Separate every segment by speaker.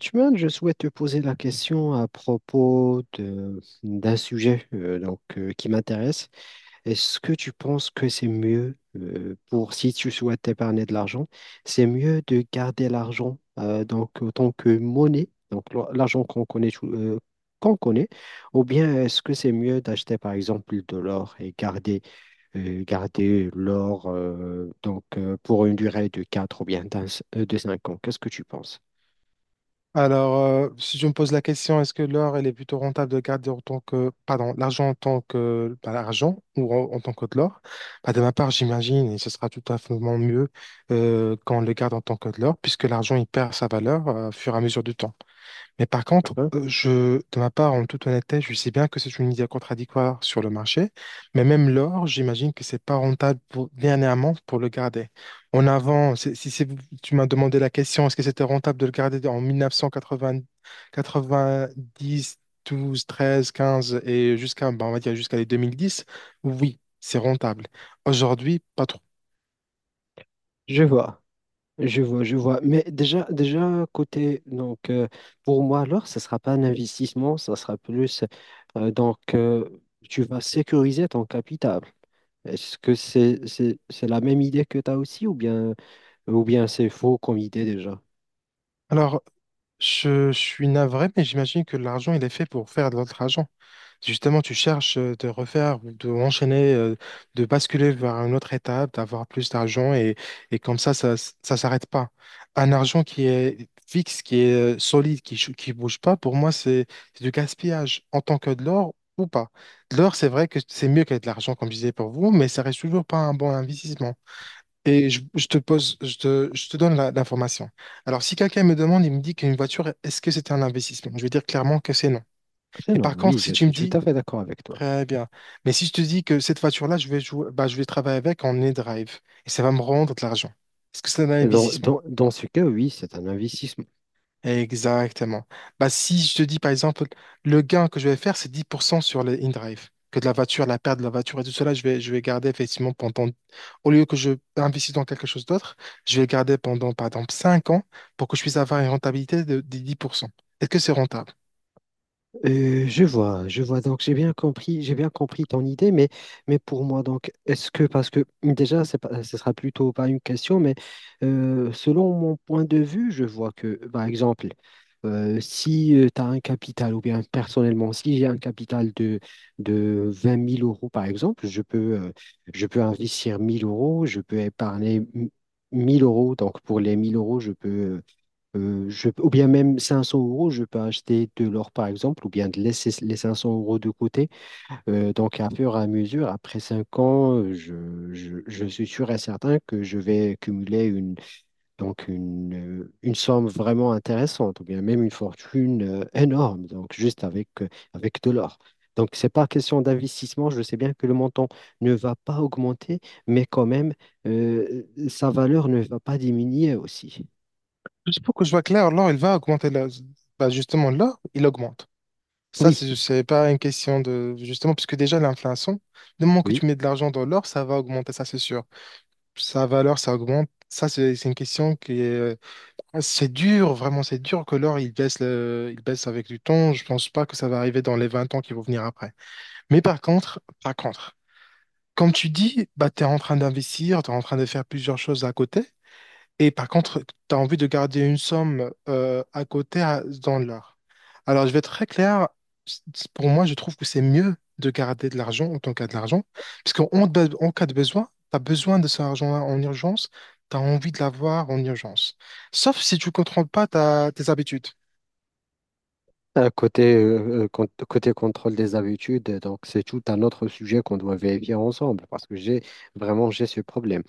Speaker 1: Tuman, je souhaite te poser la question à propos de d'un sujet donc, qui m'intéresse. Est-ce que tu penses que c'est mieux pour si tu souhaites épargner de l'argent, c'est mieux de garder l'argent donc autant que monnaie, donc l'argent qu'on connaît qu'on connaît, ou bien est-ce que c'est mieux d'acheter par exemple de l'or et garder l'or donc pour une durée de quatre ou bien de 5 ans. Qu'est-ce que tu penses?
Speaker 2: Alors, si je me pose la question, est-ce que l'or, elle est plutôt rentable de garder en tant que, pardon, l'argent en tant que, pas l'argent ou en tant que de l'or? Bah, de ma part, j'imagine, et ce sera tout à fait mieux quand on le garde en tant que de l'or, puisque l'argent, il perd sa valeur au fur et à mesure du temps. Mais par contre,
Speaker 1: D'accord.
Speaker 2: de ma part, en toute honnêteté, je sais bien que c'est une idée contradictoire sur le marché, mais même l'or, j'imagine que c'est pas rentable pour, dernièrement pour le garder. En avant, c'est- si c'est- tu m'as demandé la question, est-ce que c'était rentable de le garder en 1980, 90, 12, 13, 15 et jusqu'à, bah, on va dire jusqu'à les 2010, oui, c'est rentable. Aujourd'hui, pas trop.
Speaker 1: Je vois. Je vois, je vois. Mais déjà, déjà côté, donc pour moi alors, ce sera pas un investissement, ça sera plus donc tu vas sécuriser ton capital. Est-ce que c'est la même idée que tu as aussi ou bien c'est faux comme idée déjà?
Speaker 2: Alors, je suis navré, mais j'imagine que l'argent, il est fait pour faire de l'autre argent. Justement, tu cherches de refaire, ou de enchaîner, de basculer vers une autre étape, d'avoir plus d'argent et comme ça ne s'arrête pas. Un argent qui est fixe, qui est solide, qui bouge pas, pour moi, c'est du gaspillage en tant que de l'or ou pas. De l'or, c'est vrai que c'est mieux qu'être de l'argent, comme je disais pour vous, mais ça reste toujours pas un bon investissement. Et je te pose, je te donne l'information. Alors, si quelqu'un me demande, il me dit qu'une voiture, est-ce que c'est un investissement? Je vais dire clairement que c'est non.
Speaker 1: C'est
Speaker 2: Et
Speaker 1: non,
Speaker 2: par contre,
Speaker 1: oui,
Speaker 2: si
Speaker 1: je
Speaker 2: tu me
Speaker 1: suis tout à
Speaker 2: dis,
Speaker 1: fait d'accord avec toi.
Speaker 2: très bien. Mais si je te dis que cette voiture-là, je vais jouer, bah, je vais travailler avec en e-drive et ça va me rendre de l'argent. Est-ce que c'est un
Speaker 1: Dans,
Speaker 2: investissement?
Speaker 1: dans, dans ce cas, oui, c'est un investissement.
Speaker 2: Exactement. Bah, si je te dis, par exemple, le gain que je vais faire, c'est 10% sur le in-drive. Que de la voiture, la perte de la voiture et tout cela, je vais garder effectivement pendant, au lieu que je investisse dans quelque chose d'autre, je vais le garder pendant, par exemple, 5 ans pour que je puisse avoir une rentabilité de, des 10%. Est-ce que c'est rentable?
Speaker 1: Je vois, je vois. Donc j'ai bien compris ton idée, mais pour moi donc est-ce que parce que déjà c'est pas, ce sera plutôt pas une question, mais selon mon point de vue, je vois que par exemple si tu as un capital ou bien personnellement si j'ai un capital de 20 000 euros par exemple, je peux investir 1 000 euros, je peux épargner 1 000 euros. Donc pour les 1 000 euros, je peux ou bien même 500 euros, je peux acheter de l'or par exemple, ou bien de laisser les 500 euros de côté. Donc, à fur et à mesure, après 5 ans, je suis sûr et certain que je vais cumuler donc une, une somme vraiment intéressante, ou bien même une fortune énorme, donc juste avec, avec de l'or. Donc, c'est pas question d'investissement. Je sais bien que le montant ne va pas augmenter, mais quand même, sa valeur ne va pas diminuer aussi.
Speaker 2: Juste pour que je vois clair, l'or, il va augmenter, bah, justement, l'or, il augmente. Ça,
Speaker 1: Oui,
Speaker 2: c'est pas une question de... Justement, puisque déjà, l'inflation, le moment que
Speaker 1: oui.
Speaker 2: tu mets de l'argent dans l'or, ça va augmenter, ça c'est sûr. Sa valeur, ça augmente. Ça, c'est une question qui est... C'est dur, vraiment, c'est dur que l'or, il baisse, il baisse avec du temps. Je pense pas que ça va arriver dans les 20 ans qui vont venir après. Mais par contre, comme tu dis, bah, tu es en train d'investir, tu es en train de faire plusieurs choses à côté. Et par contre, tu as envie de garder une somme à côté dans l'art. Alors, je vais être très clair. Pour moi, je trouve que c'est mieux de garder de l'argent en tant qu'à de l'argent. Parce qu'en en cas de besoin, tu as besoin de cet argent-là en urgence. Tu as envie de l'avoir en urgence. Sauf si tu ne contrôles pas tes habitudes.
Speaker 1: Côté, côté contrôle des habitudes, donc c'est tout un autre sujet qu'on doit vérifier ensemble parce que j'ai vraiment j'ai ce problème.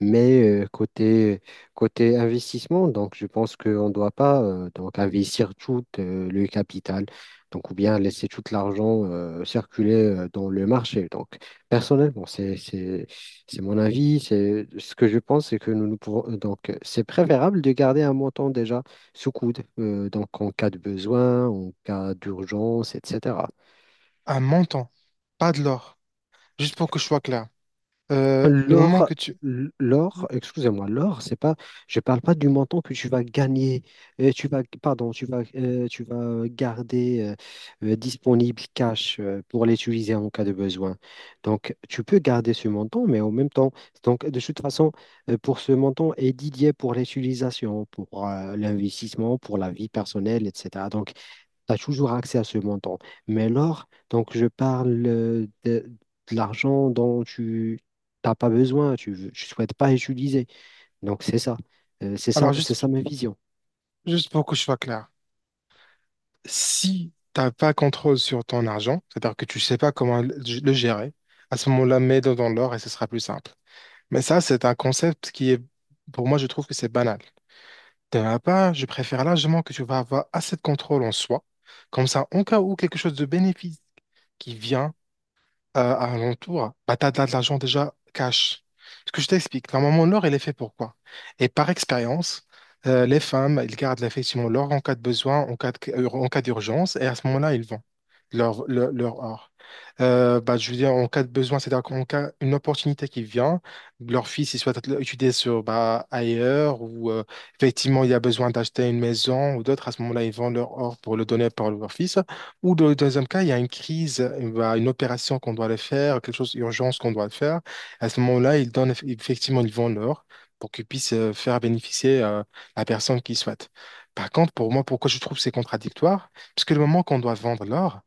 Speaker 1: Mais côté, côté investissement, donc je pense qu'on ne doit pas donc investir tout le capital, donc, ou bien laisser tout l'argent circuler dans le marché. Donc, personnellement, c'est mon avis. C'est, ce que je pense, c'est que nous pouvons, donc, c'est préférable de garder un montant déjà sous coude, donc en cas de besoin, en cas d'urgence, etc.
Speaker 2: Un montant, pas de l'or. Juste pour que je sois clair. Le moment
Speaker 1: L'or,
Speaker 2: que tu...
Speaker 1: l'or, excusez-moi, l'or, c'est pas, je parle pas du montant que tu vas gagner, tu vas, pardon, tu vas garder disponible cash pour l'utiliser en cas de besoin. Donc, tu peux garder ce montant, mais en même temps, donc de toute façon, pour ce montant est dédié pour l'utilisation, pour l'investissement, pour la vie personnelle, etc. Donc, tu as toujours accès à ce montant. Mais l'or, donc je parle de l'argent dont tu n'as pas besoin, tu ne souhaites pas utiliser. Donc c'est ça. C'est ça,
Speaker 2: Alors,
Speaker 1: c'est
Speaker 2: juste,
Speaker 1: ça ma vision.
Speaker 2: juste pour que je sois clair. Si tu n'as pas contrôle sur ton argent, c'est-à-dire que tu ne sais pas comment le gérer, à ce moment-là, mets-le dans l'or et ce sera plus simple. Mais ça, c'est un concept qui est, pour moi, je trouve que c'est banal. De ma part, je préfère largement que tu vas avoir assez de contrôle en soi. Comme ça, en cas où quelque chose de bénéfique qui vient à l'entour, bah, tu as de l'argent déjà cash. Ce que je t'explique, normalement, l'or, il est fait pour quoi? Et par expérience, les femmes, elles gardent effectivement l'or en cas de besoin, en cas d'urgence, et à ce moment-là, ils vendent leur art. Bah, je veux dire, en cas de besoin, c'est-à-dire qu'en cas une opportunité qui vient, leur fils, il souhaite étudier sur, bah, ailleurs ou effectivement, il y a besoin d'acheter une maison ou d'autres, à ce moment-là, ils vendent leur or pour le donner par leur fils. Ou dans le deuxième cas, il y a une crise, bah, une opération qu'on doit le faire, quelque chose d'urgence qu'on doit le faire. À ce moment-là, ils donnent, effectivement, ils vendent l'or pour qu'ils puissent faire bénéficier la personne qu'ils souhaitent. Par contre, pour moi, pourquoi je trouve que c'est contradictoire? Parce que le moment qu'on doit vendre l'or,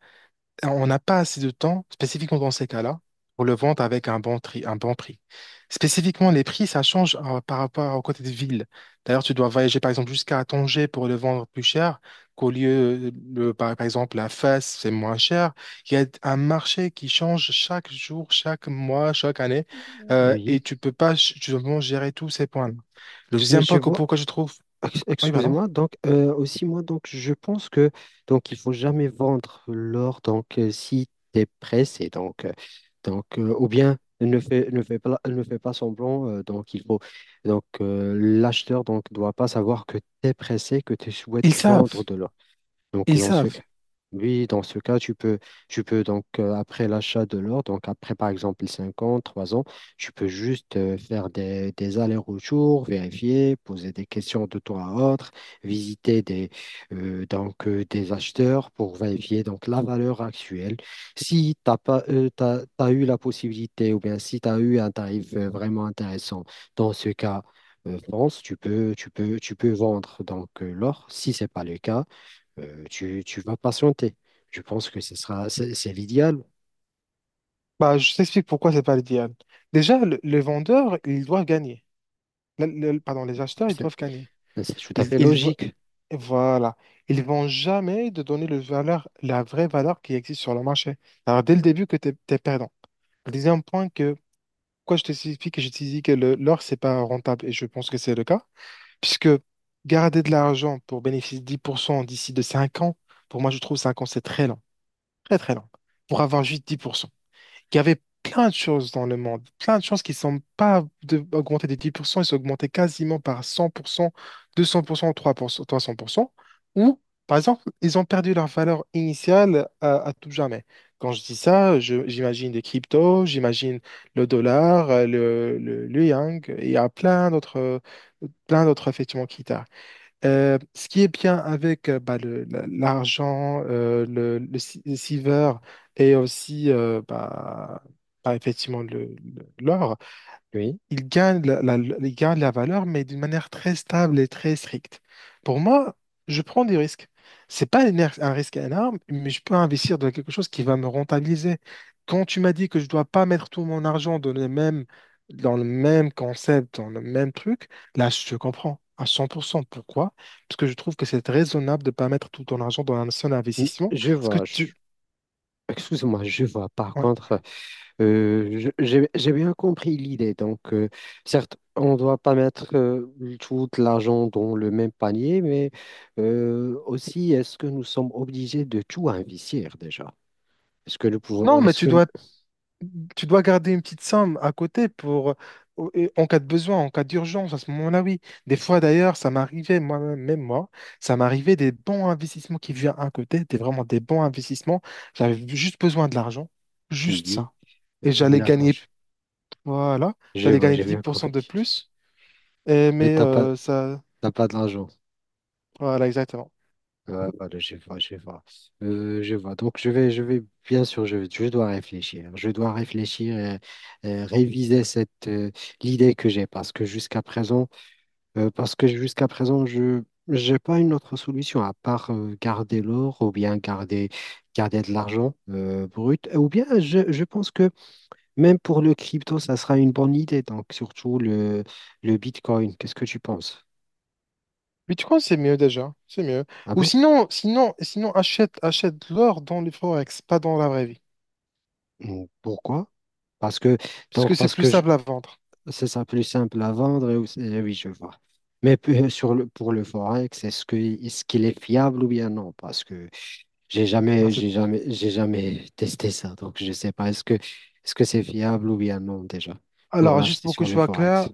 Speaker 2: on n'a pas assez de temps, spécifiquement dans ces cas-là, pour le vendre avec un bon prix. Spécifiquement, les prix, ça change par rapport au côté de ville. D'ailleurs, tu dois voyager, par exemple, jusqu'à Tanger pour le vendre plus cher, qu'au lieu, par exemple, la Fès, c'est moins cher. Il y a un marché qui change chaque jour, chaque mois, chaque année,
Speaker 1: Oui.
Speaker 2: et tu peux pas ch- tu dois gérer tous ces points-là. Le
Speaker 1: Mais
Speaker 2: deuxième point, que- pourquoi je trouve... Oui, pardon.
Speaker 1: Excusez-moi, donc aussi moi donc je pense que donc il faut jamais vendre l'or donc si tu es pressé donc ou bien ne fais pas semblant donc il faut donc l'acheteur donc doit pas savoir que tu es pressé que tu
Speaker 2: Ils
Speaker 1: souhaites vendre
Speaker 2: savent.
Speaker 1: de l'or. Donc,
Speaker 2: Ils
Speaker 1: dans ce
Speaker 2: savent.
Speaker 1: cas, oui, dans ce cas, tu peux donc, après l'achat de l'or, donc après, par exemple, 5 ans, 3 ans, tu peux juste faire des allers-retours, vérifier, poser des questions de toi à autre, visiter des, donc, des acheteurs pour vérifier donc, la valeur actuelle. Si tu n'as pas, t'as eu la possibilité ou bien si tu as eu un tarif vraiment intéressant, dans ce cas, France, tu peux vendre donc l'or. Si ce n'est pas le cas, tu vas patienter. Je pense que ce sera, c'est l'idéal.
Speaker 2: Bah, je t'explique pourquoi c'est pas l'idéal. Déjà, les vendeurs, ils doivent gagner. Le- Pardon, les acheteurs, ils
Speaker 1: C'est
Speaker 2: doivent gagner.
Speaker 1: c'est tout à
Speaker 2: Ils,
Speaker 1: fait
Speaker 2: ils, vo-
Speaker 1: logique.
Speaker 2: voilà. Ils vont jamais te donner le valeur, la vraie valeur qui existe sur le marché. Alors, dès le début, que tu es, perdant. Le deuxième point que, pourquoi je t'explique que je te dis que l'or, c'est pas rentable, et je pense que c'est le cas, puisque garder de l'argent pour bénéficier de 10% d'ici de 5 ans, pour moi, je trouve 5 ans, c'est très lent. Très, très lent. Pour avoir juste 10%. Il y avait plein de choses dans le monde, plein de choses qui ne sont pas augmentées de 10%, ils sont augmentés quasiment par 100%, 200%, 3%, 300%, ou par exemple, ils ont perdu leur valeur initiale à tout jamais. Quand je dis ça, j'imagine des cryptos, j'imagine le dollar, le yang, et il y a plein d'autres effectivement qui tardent. Ce qui est bien avec l'argent, le, si- le silver et aussi effectivement l'or,
Speaker 1: Oui.
Speaker 2: il gagne la valeur, mais d'une manière très stable et très stricte. Pour moi, je prends des risques. C'est pas un risque énorme, mais je peux investir dans quelque chose qui va me rentabiliser. Quand tu m'as dit que je dois pas mettre tout mon argent dans le même concept, dans le même truc, là, je te comprends à 100%. Pourquoi? Parce que je trouve que c'est raisonnable de pas mettre tout ton argent dans un seul
Speaker 1: Mm,
Speaker 2: investissement.
Speaker 1: je
Speaker 2: Parce que
Speaker 1: vois,
Speaker 2: tu...
Speaker 1: excuse-moi, je vois. Par
Speaker 2: ouais.
Speaker 1: contre, j'ai bien compris l'idée. Donc, certes, on ne doit pas mettre tout l'argent dans le même panier, mais aussi, est-ce que nous sommes obligés de tout investir déjà?
Speaker 2: Non, mais
Speaker 1: Est-ce
Speaker 2: tu
Speaker 1: que,
Speaker 2: dois Tu dois garder une petite somme à côté pour, et en cas de besoin, en cas d'urgence, à ce moment-là, oui. Des fois, d'ailleurs, ça m'arrivait, moi-même, même moi, ça m'arrivait des bons investissements qui viennent à côté, des vraiment des bons investissements. J'avais juste besoin de l'argent, juste
Speaker 1: oui,
Speaker 2: ça. Et j'allais
Speaker 1: d'accord,
Speaker 2: gagner, voilà,
Speaker 1: je
Speaker 2: j'allais
Speaker 1: vois,
Speaker 2: gagner
Speaker 1: j'ai
Speaker 2: dix
Speaker 1: bien
Speaker 2: pour cent de
Speaker 1: compris.
Speaker 2: plus. Et-
Speaker 1: Mais
Speaker 2: mais euh, ça,
Speaker 1: t'as pas de l'argent.
Speaker 2: voilà, exactement.
Speaker 1: Ouais, voilà, je vois, je vois. Je vois. Donc, bien sûr, je dois réfléchir. Je dois réfléchir et réviser cette, l'idée que j'ai parce que jusqu'à présent, parce que jusqu'à présent, je n'ai pas une autre solution à part garder l'or ou bien garder, garder de l'argent brut. Ou bien, je pense que même pour le crypto, ça sera une bonne idée. Donc, surtout le Bitcoin. Qu'est-ce que tu penses?
Speaker 2: Mais tu crois que c'est mieux déjà, c'est mieux.
Speaker 1: Ah
Speaker 2: Ou
Speaker 1: bon?
Speaker 2: sinon achète de l'or dans les forex, pas dans la vraie vie.
Speaker 1: Mm, pourquoi? Parce que,
Speaker 2: Parce
Speaker 1: donc,
Speaker 2: que c'est plus simple à vendre.
Speaker 1: c'est ça plus simple à vendre. Et, eh oui, je vois. Mais sur pour le Forex, est-ce qu'il est fiable ou bien non? Parce que
Speaker 2: Ben, c'est
Speaker 1: j'ai jamais testé ça, donc je sais pas. Est-ce que c'est fiable ou bien non déjà pour
Speaker 2: Alors, juste
Speaker 1: l'acheter
Speaker 2: pour que
Speaker 1: sur
Speaker 2: je
Speaker 1: le
Speaker 2: sois clair,
Speaker 1: Forex?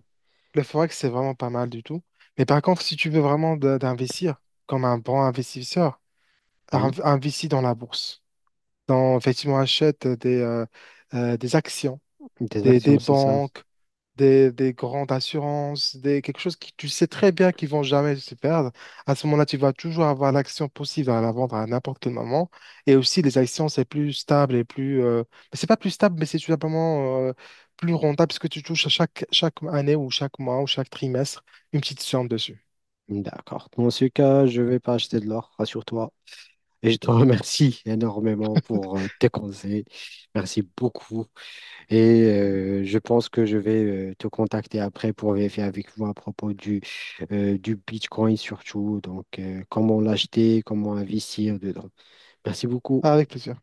Speaker 2: le forex, c'est vraiment pas mal du tout. Mais par contre, si tu veux vraiment d'investir comme un bon investisseur,
Speaker 1: Oui,
Speaker 2: investis dans la bourse. Dans, effectivement, achète des actions
Speaker 1: des
Speaker 2: des,
Speaker 1: actions,
Speaker 2: des
Speaker 1: c'est ça.
Speaker 2: banques, des grandes assurances, des, quelque chose qui tu sais très bien qu'ils vont jamais se perdre. À ce moment-là, tu vas toujours avoir l'action possible à la vendre à n'importe quel moment. Et aussi, les actions, c'est plus stable et plus... Mais c'est pas plus stable, mais c'est tout simplement plus rentable parce que tu touches à chaque année ou chaque mois ou chaque trimestre une petite somme dessus.
Speaker 1: D'accord. Dans ce cas, je vais pas acheter de l'or, rassure-toi. Et je te remercie énormément pour tes conseils. Merci beaucoup. Et je pense que je vais te contacter après pour vérifier avec vous à propos du Bitcoin surtout. Donc, comment l'acheter, comment investir dedans. Merci beaucoup.
Speaker 2: Ah, avec plaisir.